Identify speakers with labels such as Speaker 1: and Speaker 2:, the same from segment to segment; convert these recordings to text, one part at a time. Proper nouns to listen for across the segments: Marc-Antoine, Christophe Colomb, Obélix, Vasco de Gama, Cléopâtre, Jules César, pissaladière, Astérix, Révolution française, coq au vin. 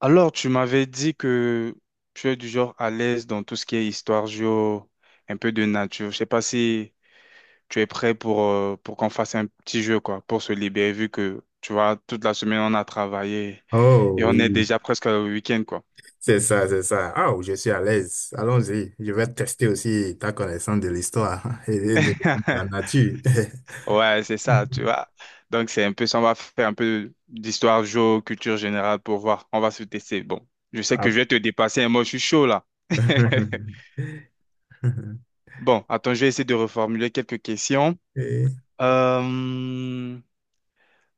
Speaker 1: Alors, tu m'avais dit que tu es du genre à l'aise dans tout ce qui est histoire géo, un peu de nature. Je sais pas si tu es prêt pour qu'on fasse un petit jeu, quoi, pour se libérer, vu que, tu vois, toute la semaine, on a travaillé
Speaker 2: Oh
Speaker 1: et on est
Speaker 2: oui,
Speaker 1: déjà presque au week-end, quoi.
Speaker 2: c'est ça, c'est ça. Ah, je suis à l'aise. Allons-y. Je vais tester aussi ta connaissance de l'histoire et de la nature.
Speaker 1: Ouais, c'est ça, tu vois. Donc, c'est un peu ça. On va faire un peu d'histoire géo, culture générale pour voir. On va se tester. Bon, je sais que
Speaker 2: Ah.
Speaker 1: je vais te dépasser, et moi, je suis chaud, là. Bon, attends, je vais essayer de reformuler quelques questions.
Speaker 2: Et-
Speaker 1: Euh,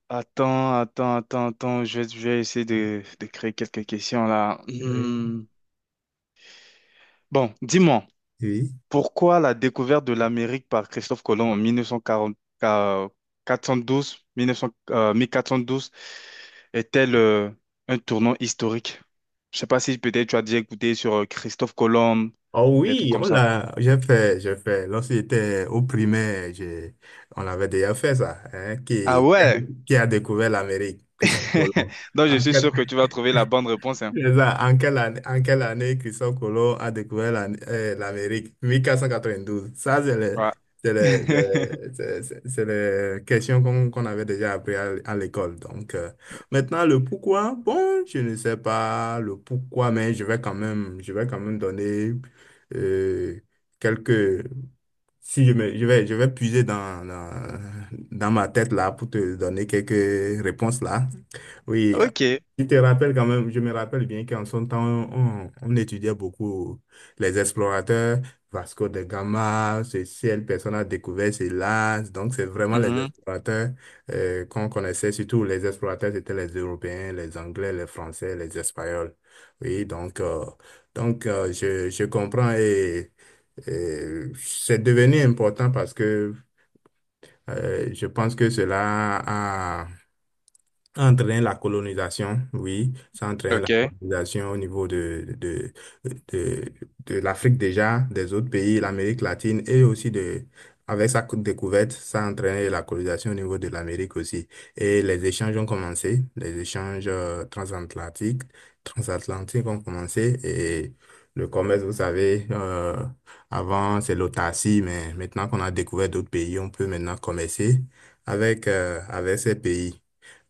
Speaker 1: attends, attends, attends, attends, je vais essayer de créer quelques questions là.
Speaker 2: oui,
Speaker 1: Hmm. Bon, dis-moi,
Speaker 2: oui.
Speaker 1: pourquoi la découverte de l'Amérique par Christophe Colomb en 1940, euh, 412, 1900, 1412 est-elle un tournant historique? Je sais pas si peut-être tu as déjà écouté sur Christophe Colomb,
Speaker 2: Oh
Speaker 1: des trucs
Speaker 2: oui,
Speaker 1: comme
Speaker 2: on
Speaker 1: ça.
Speaker 2: l'a, j'ai fait. Lorsque j'étais au primaire, on avait déjà fait ça, hein.
Speaker 1: Ah
Speaker 2: qui, qui a,
Speaker 1: ouais!
Speaker 2: qui a découvert l'Amérique? Christophe Colomb.
Speaker 1: Donc je
Speaker 2: En
Speaker 1: suis
Speaker 2: quelle,
Speaker 1: sûr que tu vas trouver la bonne réponse, hein.
Speaker 2: C'est ça. En quelle année Christophe Colomb a découvert l'Amérique? 1492. Ça, c'est le-
Speaker 1: Ouais.
Speaker 2: c'est le- c'est les questions qu'on avait déjà appris à l'école. Donc, maintenant, le pourquoi, bon, je ne sais pas le pourquoi, mais je vais quand même donner euh, quelques. Si je me, je vais puiser dans ma tête là pour te donner quelques réponses là. Oui,
Speaker 1: Ok.
Speaker 2: je te rappelle quand même, je me rappelle bien qu'en son temps, on étudiait beaucoup les explorateurs, Vasco de Gama, ce ciel, personne a découvert cela. Donc, c'est vraiment les
Speaker 1: Mhm.
Speaker 2: explorateurs qu'on connaissait, surtout les explorateurs, c'était les Européens, les Anglais, les Français, les Espagnols. Oui, donc, je comprends et. C'est devenu important parce que je pense que cela a Entraîne la colonisation, oui, ça entraîne la... Mhm.
Speaker 1: Ok.
Speaker 2: Colonisation au niveau de, de l'Afrique déjà, des autres pays, l'Amérique latine et aussi de, avec sa découverte, ça entraîne la colonisation au niveau de l'Amérique aussi. Et les échanges ont commencé, les échanges transatlantiques, transatlantiques ont commencé et le commerce, vous savez, avant c'est l'autarcie, mais maintenant qu'on a découvert d'autres pays, on peut maintenant commercer avec, avec ces pays.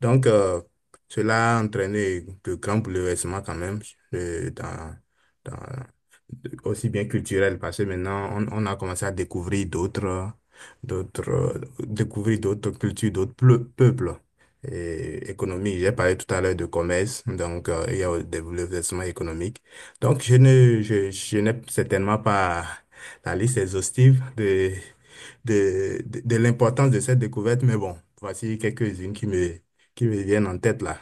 Speaker 2: Donc, cela a entraîné de grands bouleversements quand même euh, dans, dans aussi bien culturel, parce que maintenant, on a commencé à découvrir d'autres, découvrir d'autres cultures, d'autres peuples. Et économie, j'ai parlé tout à l'heure de commerce, donc il y a le développement économique. Donc, je ne, je n'ai certainement pas la liste exhaustive de l'importance de cette découverte, mais bon, voici quelques-unes qui me viennent en tête là.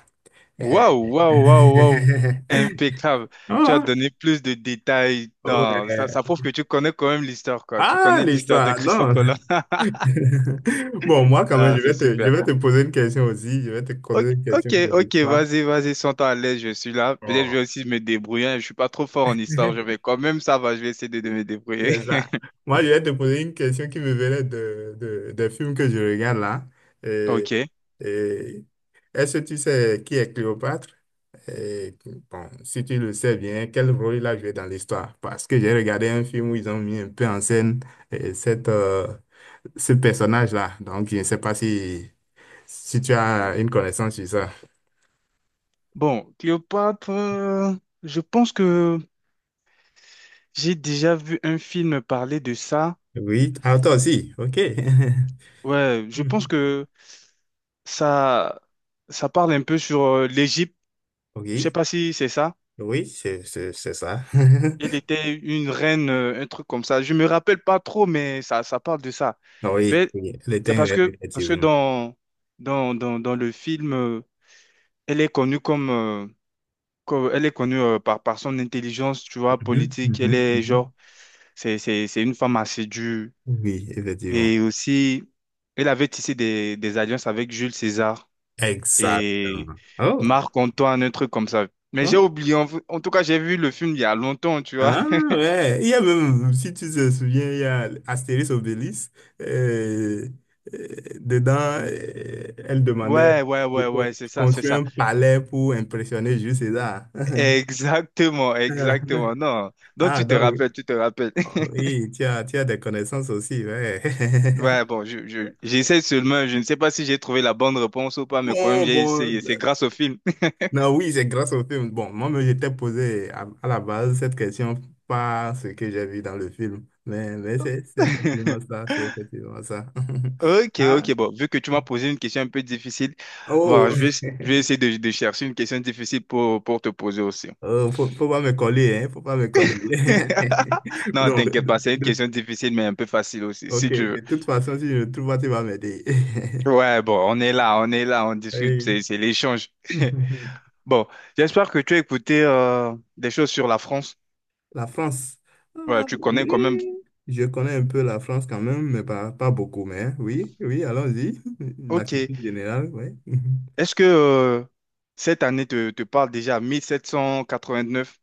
Speaker 2: Euh,
Speaker 1: Waouh, waouh, waouh, waouh. Impeccable. Tu as donné plus de détails.
Speaker 2: Oh,
Speaker 1: Non, ça,
Speaker 2: ouais.
Speaker 1: ça prouve que tu connais quand même l'histoire, quoi. Tu
Speaker 2: Ah,
Speaker 1: connais l'histoire de
Speaker 2: l'histoire,
Speaker 1: Christophe
Speaker 2: non.
Speaker 1: Colomb.
Speaker 2: Bon, moi, quand même,
Speaker 1: Non, c'est
Speaker 2: je
Speaker 1: super.
Speaker 2: vais te poser une question aussi. Je vais te
Speaker 1: Ok,
Speaker 2: poser une question
Speaker 1: ok,
Speaker 2: de
Speaker 1: ok,
Speaker 2: l'histoire.
Speaker 1: vas-y, vas-y, sens-toi à l'aise, je suis là. Peut-être je
Speaker 2: Oh.
Speaker 1: vais aussi me débrouiller. Hein. Je suis pas trop fort en histoire. Je vais quand même, ça va, je vais essayer de me débrouiller.
Speaker 2: C'est ça. Moi, je vais te poser une question qui me venait de, des films que je regarde là. Et,
Speaker 1: Ok.
Speaker 2: et est-ce que tu sais qui est Cléopâtre? Et bon, si tu le sais bien, quel rôle il a joué dans l'histoire? Parce que j'ai regardé un film où ils ont mis un peu en scène euh, cette, euh, ce personnage-là. Donc, je ne sais pas si, si tu as une connaissance sur ça.
Speaker 1: Bon, Cléopâtre, je pense que j'ai déjà vu un film parler de ça.
Speaker 2: Oui, ah, toi aussi, ok.
Speaker 1: Ouais, je pense
Speaker 2: Mhm.
Speaker 1: que Ça, ça parle un peu sur l'Égypte. Je sais
Speaker 2: Oui,
Speaker 1: pas si c'est ça.
Speaker 2: oui, c'est ça.
Speaker 1: Elle était une reine, un truc comme ça. Je me rappelle pas trop, mais ça parle de ça.
Speaker 2: Ah oui,
Speaker 1: Mais
Speaker 2: oui, elle était
Speaker 1: c'est
Speaker 2: un rêve,
Speaker 1: parce que
Speaker 2: effectivement.
Speaker 1: dans, dans, dans, dans le film, elle est connue comme, elle est connue par, par son intelligence, tu vois,
Speaker 2: Mhm,
Speaker 1: politique. Elle
Speaker 2: mhm,
Speaker 1: est
Speaker 2: mhm.
Speaker 1: genre, c'est une femme assez dure.
Speaker 2: Oui, effectivement.
Speaker 1: Et aussi, elle avait tissé des alliances avec Jules César. Et
Speaker 2: Exactement. Oh,
Speaker 1: Marc-Antoine, un truc comme ça. Mais j'ai
Speaker 2: oh.
Speaker 1: oublié, en en tout cas, j'ai vu le film il y a longtemps, tu vois.
Speaker 2: Ah ouais, il y a même, si tu te souviens, il y a Astérix Obélix, euh, dedans, elle demandait
Speaker 1: Ouais, ouais,
Speaker 2: de
Speaker 1: ouais, ouais,
Speaker 2: de
Speaker 1: c'est ça, c'est
Speaker 2: construire
Speaker 1: ça.
Speaker 2: un palais pour impressionner Jules César.
Speaker 1: Exactement, exactement. Non, donc
Speaker 2: Ah,
Speaker 1: tu te
Speaker 2: donc,
Speaker 1: rappelles, tu te rappelles.
Speaker 2: oh, oui, tu as des connaissances aussi, ouais.
Speaker 1: Ouais, bon, je, j'essaie seulement, je ne sais pas si j'ai trouvé la bonne réponse ou pas, mais quand même,
Speaker 2: Bon,
Speaker 1: j'ai essayé. C'est
Speaker 2: bon.
Speaker 1: grâce au film.
Speaker 2: Non, oui, c'est grâce au film. Bon, moi, je j'étais posé à la base cette question par ce que j'ai vu dans le film. Mais c'est effectivement ça, c'est effectivement ça.
Speaker 1: Ok,
Speaker 2: Ah,
Speaker 1: ok, bon, vu que tu m'as posé une question un peu difficile, bon,
Speaker 2: oh,
Speaker 1: je vais essayer de chercher une question difficile pour te poser aussi.
Speaker 2: oh, faut pas me coller, hein, faut pas me coller.
Speaker 1: Non,
Speaker 2: Non,
Speaker 1: t'inquiète pas, c'est une question difficile, mais un peu facile aussi,
Speaker 2: ok,
Speaker 1: si tu
Speaker 2: de
Speaker 1: veux.
Speaker 2: toute façon, si je ne trouve pas, tu vas m'aider.
Speaker 1: Ouais, bon, on est là, on est là, on discute,
Speaker 2: Oui.
Speaker 1: c'est l'échange. Bon, j'espère que tu as écouté des choses sur la France.
Speaker 2: La France.
Speaker 1: Ouais,
Speaker 2: Ah,
Speaker 1: tu connais quand même.
Speaker 2: oui, je connais un peu la France quand même, mais pas beaucoup. Mais hein, oui, oui, allons-y. La
Speaker 1: Ok.
Speaker 2: culture générale, oui.
Speaker 1: Est-ce que cette année te, te parle déjà 1789?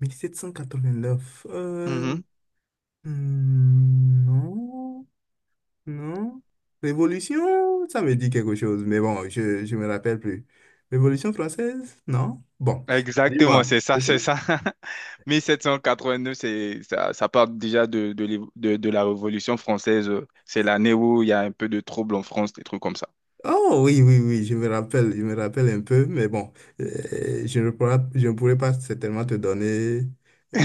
Speaker 2: Mille sept cent quatre-vingt-neuf.
Speaker 1: Mhm.
Speaker 2: Non, non. Révolution, ça me dit quelque chose, mais bon, je ne me rappelle plus. Révolution française? Non? Bon,
Speaker 1: Exactement,
Speaker 2: dis-moi.
Speaker 1: c'est ça, c'est ça. 1789, c'est, ça parle déjà de, de la Révolution française. C'est l'année où il y a un peu de troubles en France, des trucs comme ça.
Speaker 2: Oh oui, oui, oui, je me rappelle un peu, mais bon, je ne pourrais pas certainement te donner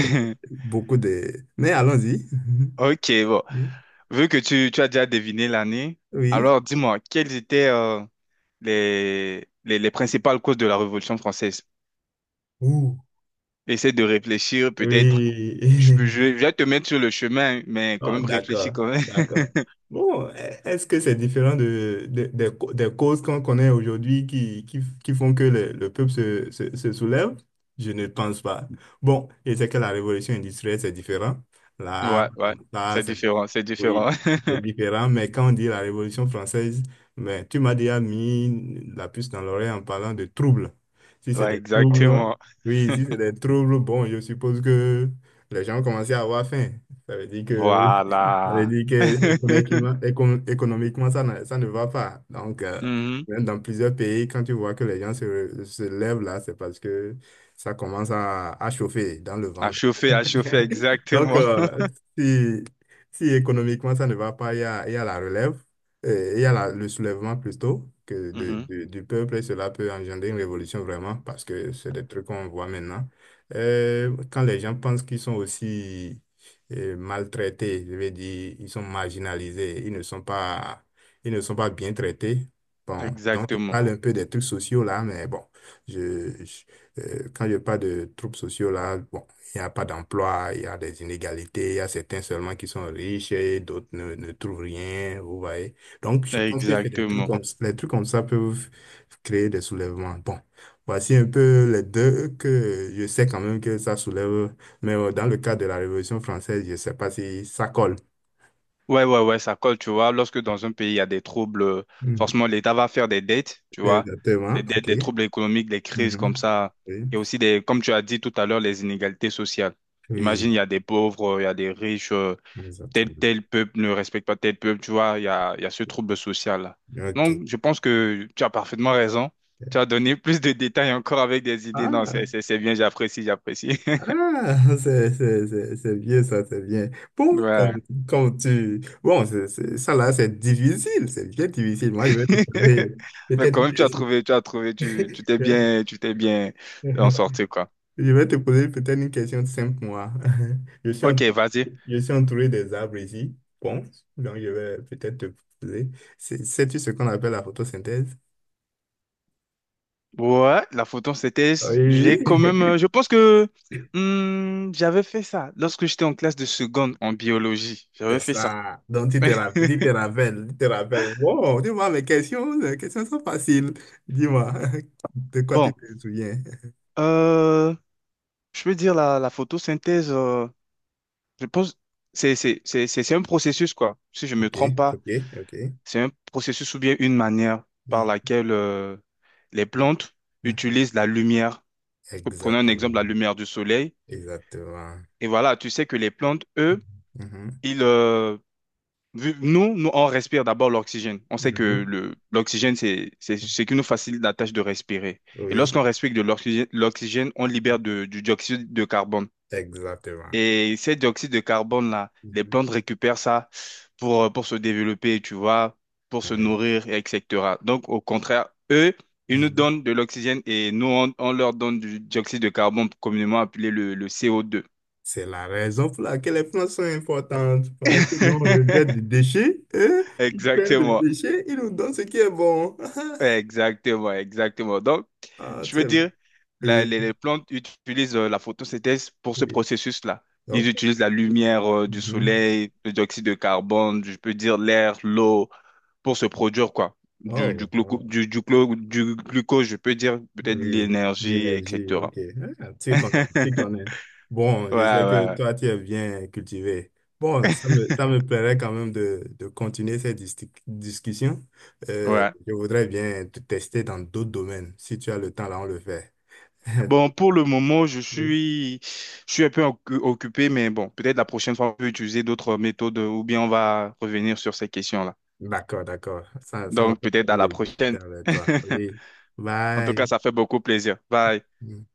Speaker 2: euh, beaucoup de... Mais allons-y.
Speaker 1: Ok, bon.
Speaker 2: Oui.
Speaker 1: Vu que tu as déjà deviné l'année,
Speaker 2: Oui.
Speaker 1: alors dis-moi, quelles étaient les principales causes de la Révolution française?
Speaker 2: Ouh.
Speaker 1: Essaie de réfléchir, peut-être.
Speaker 2: Oui.
Speaker 1: Je, je- je vais te mettre sur le chemin, mais quand
Speaker 2: Ah,
Speaker 1: même réfléchis
Speaker 2: d'accord,
Speaker 1: quand même.
Speaker 2: d'accord. Bon, est-ce que c'est différent de, des des causes qu'on connaît aujourd'hui qui font que le peuple se soulève? Je ne pense pas. Bon, et c'est que la révolution industrielle, c'est différent. Là,
Speaker 1: Ouais, ouais,
Speaker 2: bon,
Speaker 1: c'est différent, c'est différent.
Speaker 2: oui, c'est différent. Mais quand on dit la Révolution française, mais tu m'as déjà mis la puce dans l'oreille en parlant de troubles. Si c'est
Speaker 1: Ouais,
Speaker 2: des troubles,
Speaker 1: exactement.
Speaker 2: oui, si c'est des troubles, bon, je suppose que les gens commençaient à avoir faim. Ça veut dire que, ça veut
Speaker 1: Voilà.
Speaker 2: dire que économiquement, économiquement, ça ne va pas. Donc,
Speaker 1: Mhm.
Speaker 2: même dans plusieurs pays, quand tu vois que les gens se lèvent là, c'est parce que ça commence à chauffer dans le ventre.
Speaker 1: À chauffer,
Speaker 2: Donc,
Speaker 1: exactement.
Speaker 2: si, si économiquement ça ne va pas, il y a la relève, il y a la- le soulèvement plutôt que
Speaker 1: Mhm.
Speaker 2: du peuple et cela peut engendrer une révolution vraiment parce que c'est des trucs qu'on voit maintenant. Quand les gens pensent qu'ils sont aussi maltraités, je veux dire, ils sont marginalisés, ils ne sont pas bien traités. Bon, donc je
Speaker 1: Exactement,
Speaker 2: parle un peu des trucs sociaux là, mais bon, je, je- quand je parle de troubles sociaux là, bon. Il n'y a pas d'emploi, il y a des inégalités, il y a certains seulement qui sont riches et d'autres ne trouvent rien, vous voyez. Donc, je pense que c'est des
Speaker 1: exactement.
Speaker 2: les trucs comme ça peuvent créer des soulèvements. Bon, voici un peu les deux que je sais quand même que ça soulève, mais dans le cas de la Révolution française, je ne sais pas si ça colle.
Speaker 1: Ouais, ouais, ouais, ça colle, tu vois. Lorsque dans un pays, il y a des troubles,
Speaker 2: Mhm.
Speaker 1: forcément, l'État va faire des dettes, tu vois. Des
Speaker 2: Exactement,
Speaker 1: dettes,
Speaker 2: ok.
Speaker 1: des troubles économiques, des crises
Speaker 2: Mhm.
Speaker 1: comme ça.
Speaker 2: Oui,
Speaker 1: Et aussi, des, comme tu as dit tout à l'heure, les inégalités sociales.
Speaker 2: oui,
Speaker 1: Imagine, il y a des pauvres, il y a des riches, tel,
Speaker 2: exactement.
Speaker 1: tel peuple ne respecte pas tel peuple, tu vois. Il y a ce trouble social-là.
Speaker 2: Ok.
Speaker 1: Donc, je pense que tu as parfaitement raison. Tu as donné plus de détails encore avec des idées. Non,
Speaker 2: Ah.
Speaker 1: c'est bien, j'apprécie, j'apprécie.
Speaker 2: Ah, c'est bien ça, c'est bien. Bon,
Speaker 1: Ouais.
Speaker 2: comme, comme tu... Bon, c'est difficile, c'est bien difficile. Moi, je vais te poser
Speaker 1: Mais
Speaker 2: peut-être
Speaker 1: quand
Speaker 2: une
Speaker 1: même, tu as
Speaker 2: question.
Speaker 1: trouvé, tu as trouvé, tu, tu t'es bien en sorti, quoi.
Speaker 2: Je vais te poser peut-être une question simple, moi. Je suis,
Speaker 1: Ok, vas-y.
Speaker 2: je suis entouré des arbres ici. Bon, donc je vais peut-être te poser. Sais-tu ce qu'on appelle la photosynthèse?
Speaker 1: Ouais, la photo, c'était, j'ai quand
Speaker 2: Oui.
Speaker 1: même, je pense que hmm, j'avais fait ça lorsque j'étais en classe de seconde en biologie. J'avais
Speaker 2: C'est
Speaker 1: fait ça.
Speaker 2: ça. Donc,
Speaker 1: Mais
Speaker 2: tu te rappelles. Wow, dis-moi mes questions, les questions sont faciles. Dis-moi, de quoi
Speaker 1: bon,
Speaker 2: tu te souviens?
Speaker 1: euh, je peux dire la, la photosynthèse, je pense, c'est un processus, quoi. Si je ne me
Speaker 2: Ok,
Speaker 1: trompe pas,
Speaker 2: ok, ok.
Speaker 1: c'est un processus ou bien une manière par
Speaker 2: Mhm,
Speaker 1: laquelle les plantes
Speaker 2: mhm.
Speaker 1: utilisent la lumière. Prenons un exemple, la
Speaker 2: Exactement,
Speaker 1: lumière du soleil.
Speaker 2: exactement.
Speaker 1: Et voilà, tu sais que les plantes, eux,
Speaker 2: Mhm,
Speaker 1: ils, euh, nous, nous, on respire d'abord l'oxygène. On sait
Speaker 2: mhm,
Speaker 1: que
Speaker 2: mhm.
Speaker 1: le, l'oxygène, c'est ce qui nous facilite la tâche de respirer. Et
Speaker 2: Oui,
Speaker 1: lorsqu'on respire de l'oxygène, l'oxygène, on libère du dioxyde de carbone.
Speaker 2: exactement.
Speaker 1: Et ces dioxyde de carbone-là, les
Speaker 2: Mhm,
Speaker 1: plantes récupèrent ça pour se développer, tu vois, pour se
Speaker 2: mhm,
Speaker 1: nourrir, et etc. Donc, au contraire, eux, ils nous
Speaker 2: mhm.
Speaker 1: donnent de l'oxygène et nous, on leur donne du dioxyde de carbone, communément appelé le CO2.
Speaker 2: C'est la raison pour laquelle les plantes sont importantes. Pendant que nous, on rejette des déchets, eux, ils prennent des
Speaker 1: Exactement,
Speaker 2: déchets, ils nous donnent ce qui est bon.
Speaker 1: exactement, exactement. Donc,
Speaker 2: Ah, tu
Speaker 1: je
Speaker 2: sais,
Speaker 1: veux dire,
Speaker 2: oui,
Speaker 1: les plantes utilisent la photosynthèse pour ce
Speaker 2: oui.
Speaker 1: processus-là. Ils
Speaker 2: OK.
Speaker 1: utilisent la lumière du
Speaker 2: Mhm.
Speaker 1: soleil, le dioxyde de carbone, je peux dire l'air, l'eau, pour se produire quoi. Du,
Speaker 2: Oh, oh,
Speaker 1: du, du glucose, je peux dire peut-être
Speaker 2: oui,
Speaker 1: l'énergie,
Speaker 2: d'énergie,
Speaker 1: etc.
Speaker 2: OK. Ah, tu connais, tu connais. Bon,
Speaker 1: Ouais,
Speaker 2: je sais
Speaker 1: ouais,
Speaker 2: que
Speaker 1: ouais.
Speaker 2: toi, tu es bien cultivé. Bon, ça me plairait quand même de continuer cette discussion.
Speaker 1: Ouais.
Speaker 2: Je voudrais bien te tester dans d'autres domaines. Si tu as le temps, là, on le fait.
Speaker 1: Bon, pour le moment,
Speaker 2: Oui.
Speaker 1: je suis un peu occupé, mais bon, peut-être la prochaine fois, on peut utiliser d'autres méthodes ou bien on va revenir sur ces questions-là.
Speaker 2: D'accord, d'accord. Ça m'a
Speaker 1: Donc,
Speaker 2: fait
Speaker 1: peut-être à
Speaker 2: plaisir de
Speaker 1: la
Speaker 2: discuter
Speaker 1: prochaine.
Speaker 2: avec toi. Oui.
Speaker 1: En tout cas,
Speaker 2: Bye.
Speaker 1: ça fait beaucoup plaisir. Bye.
Speaker 2: Mm.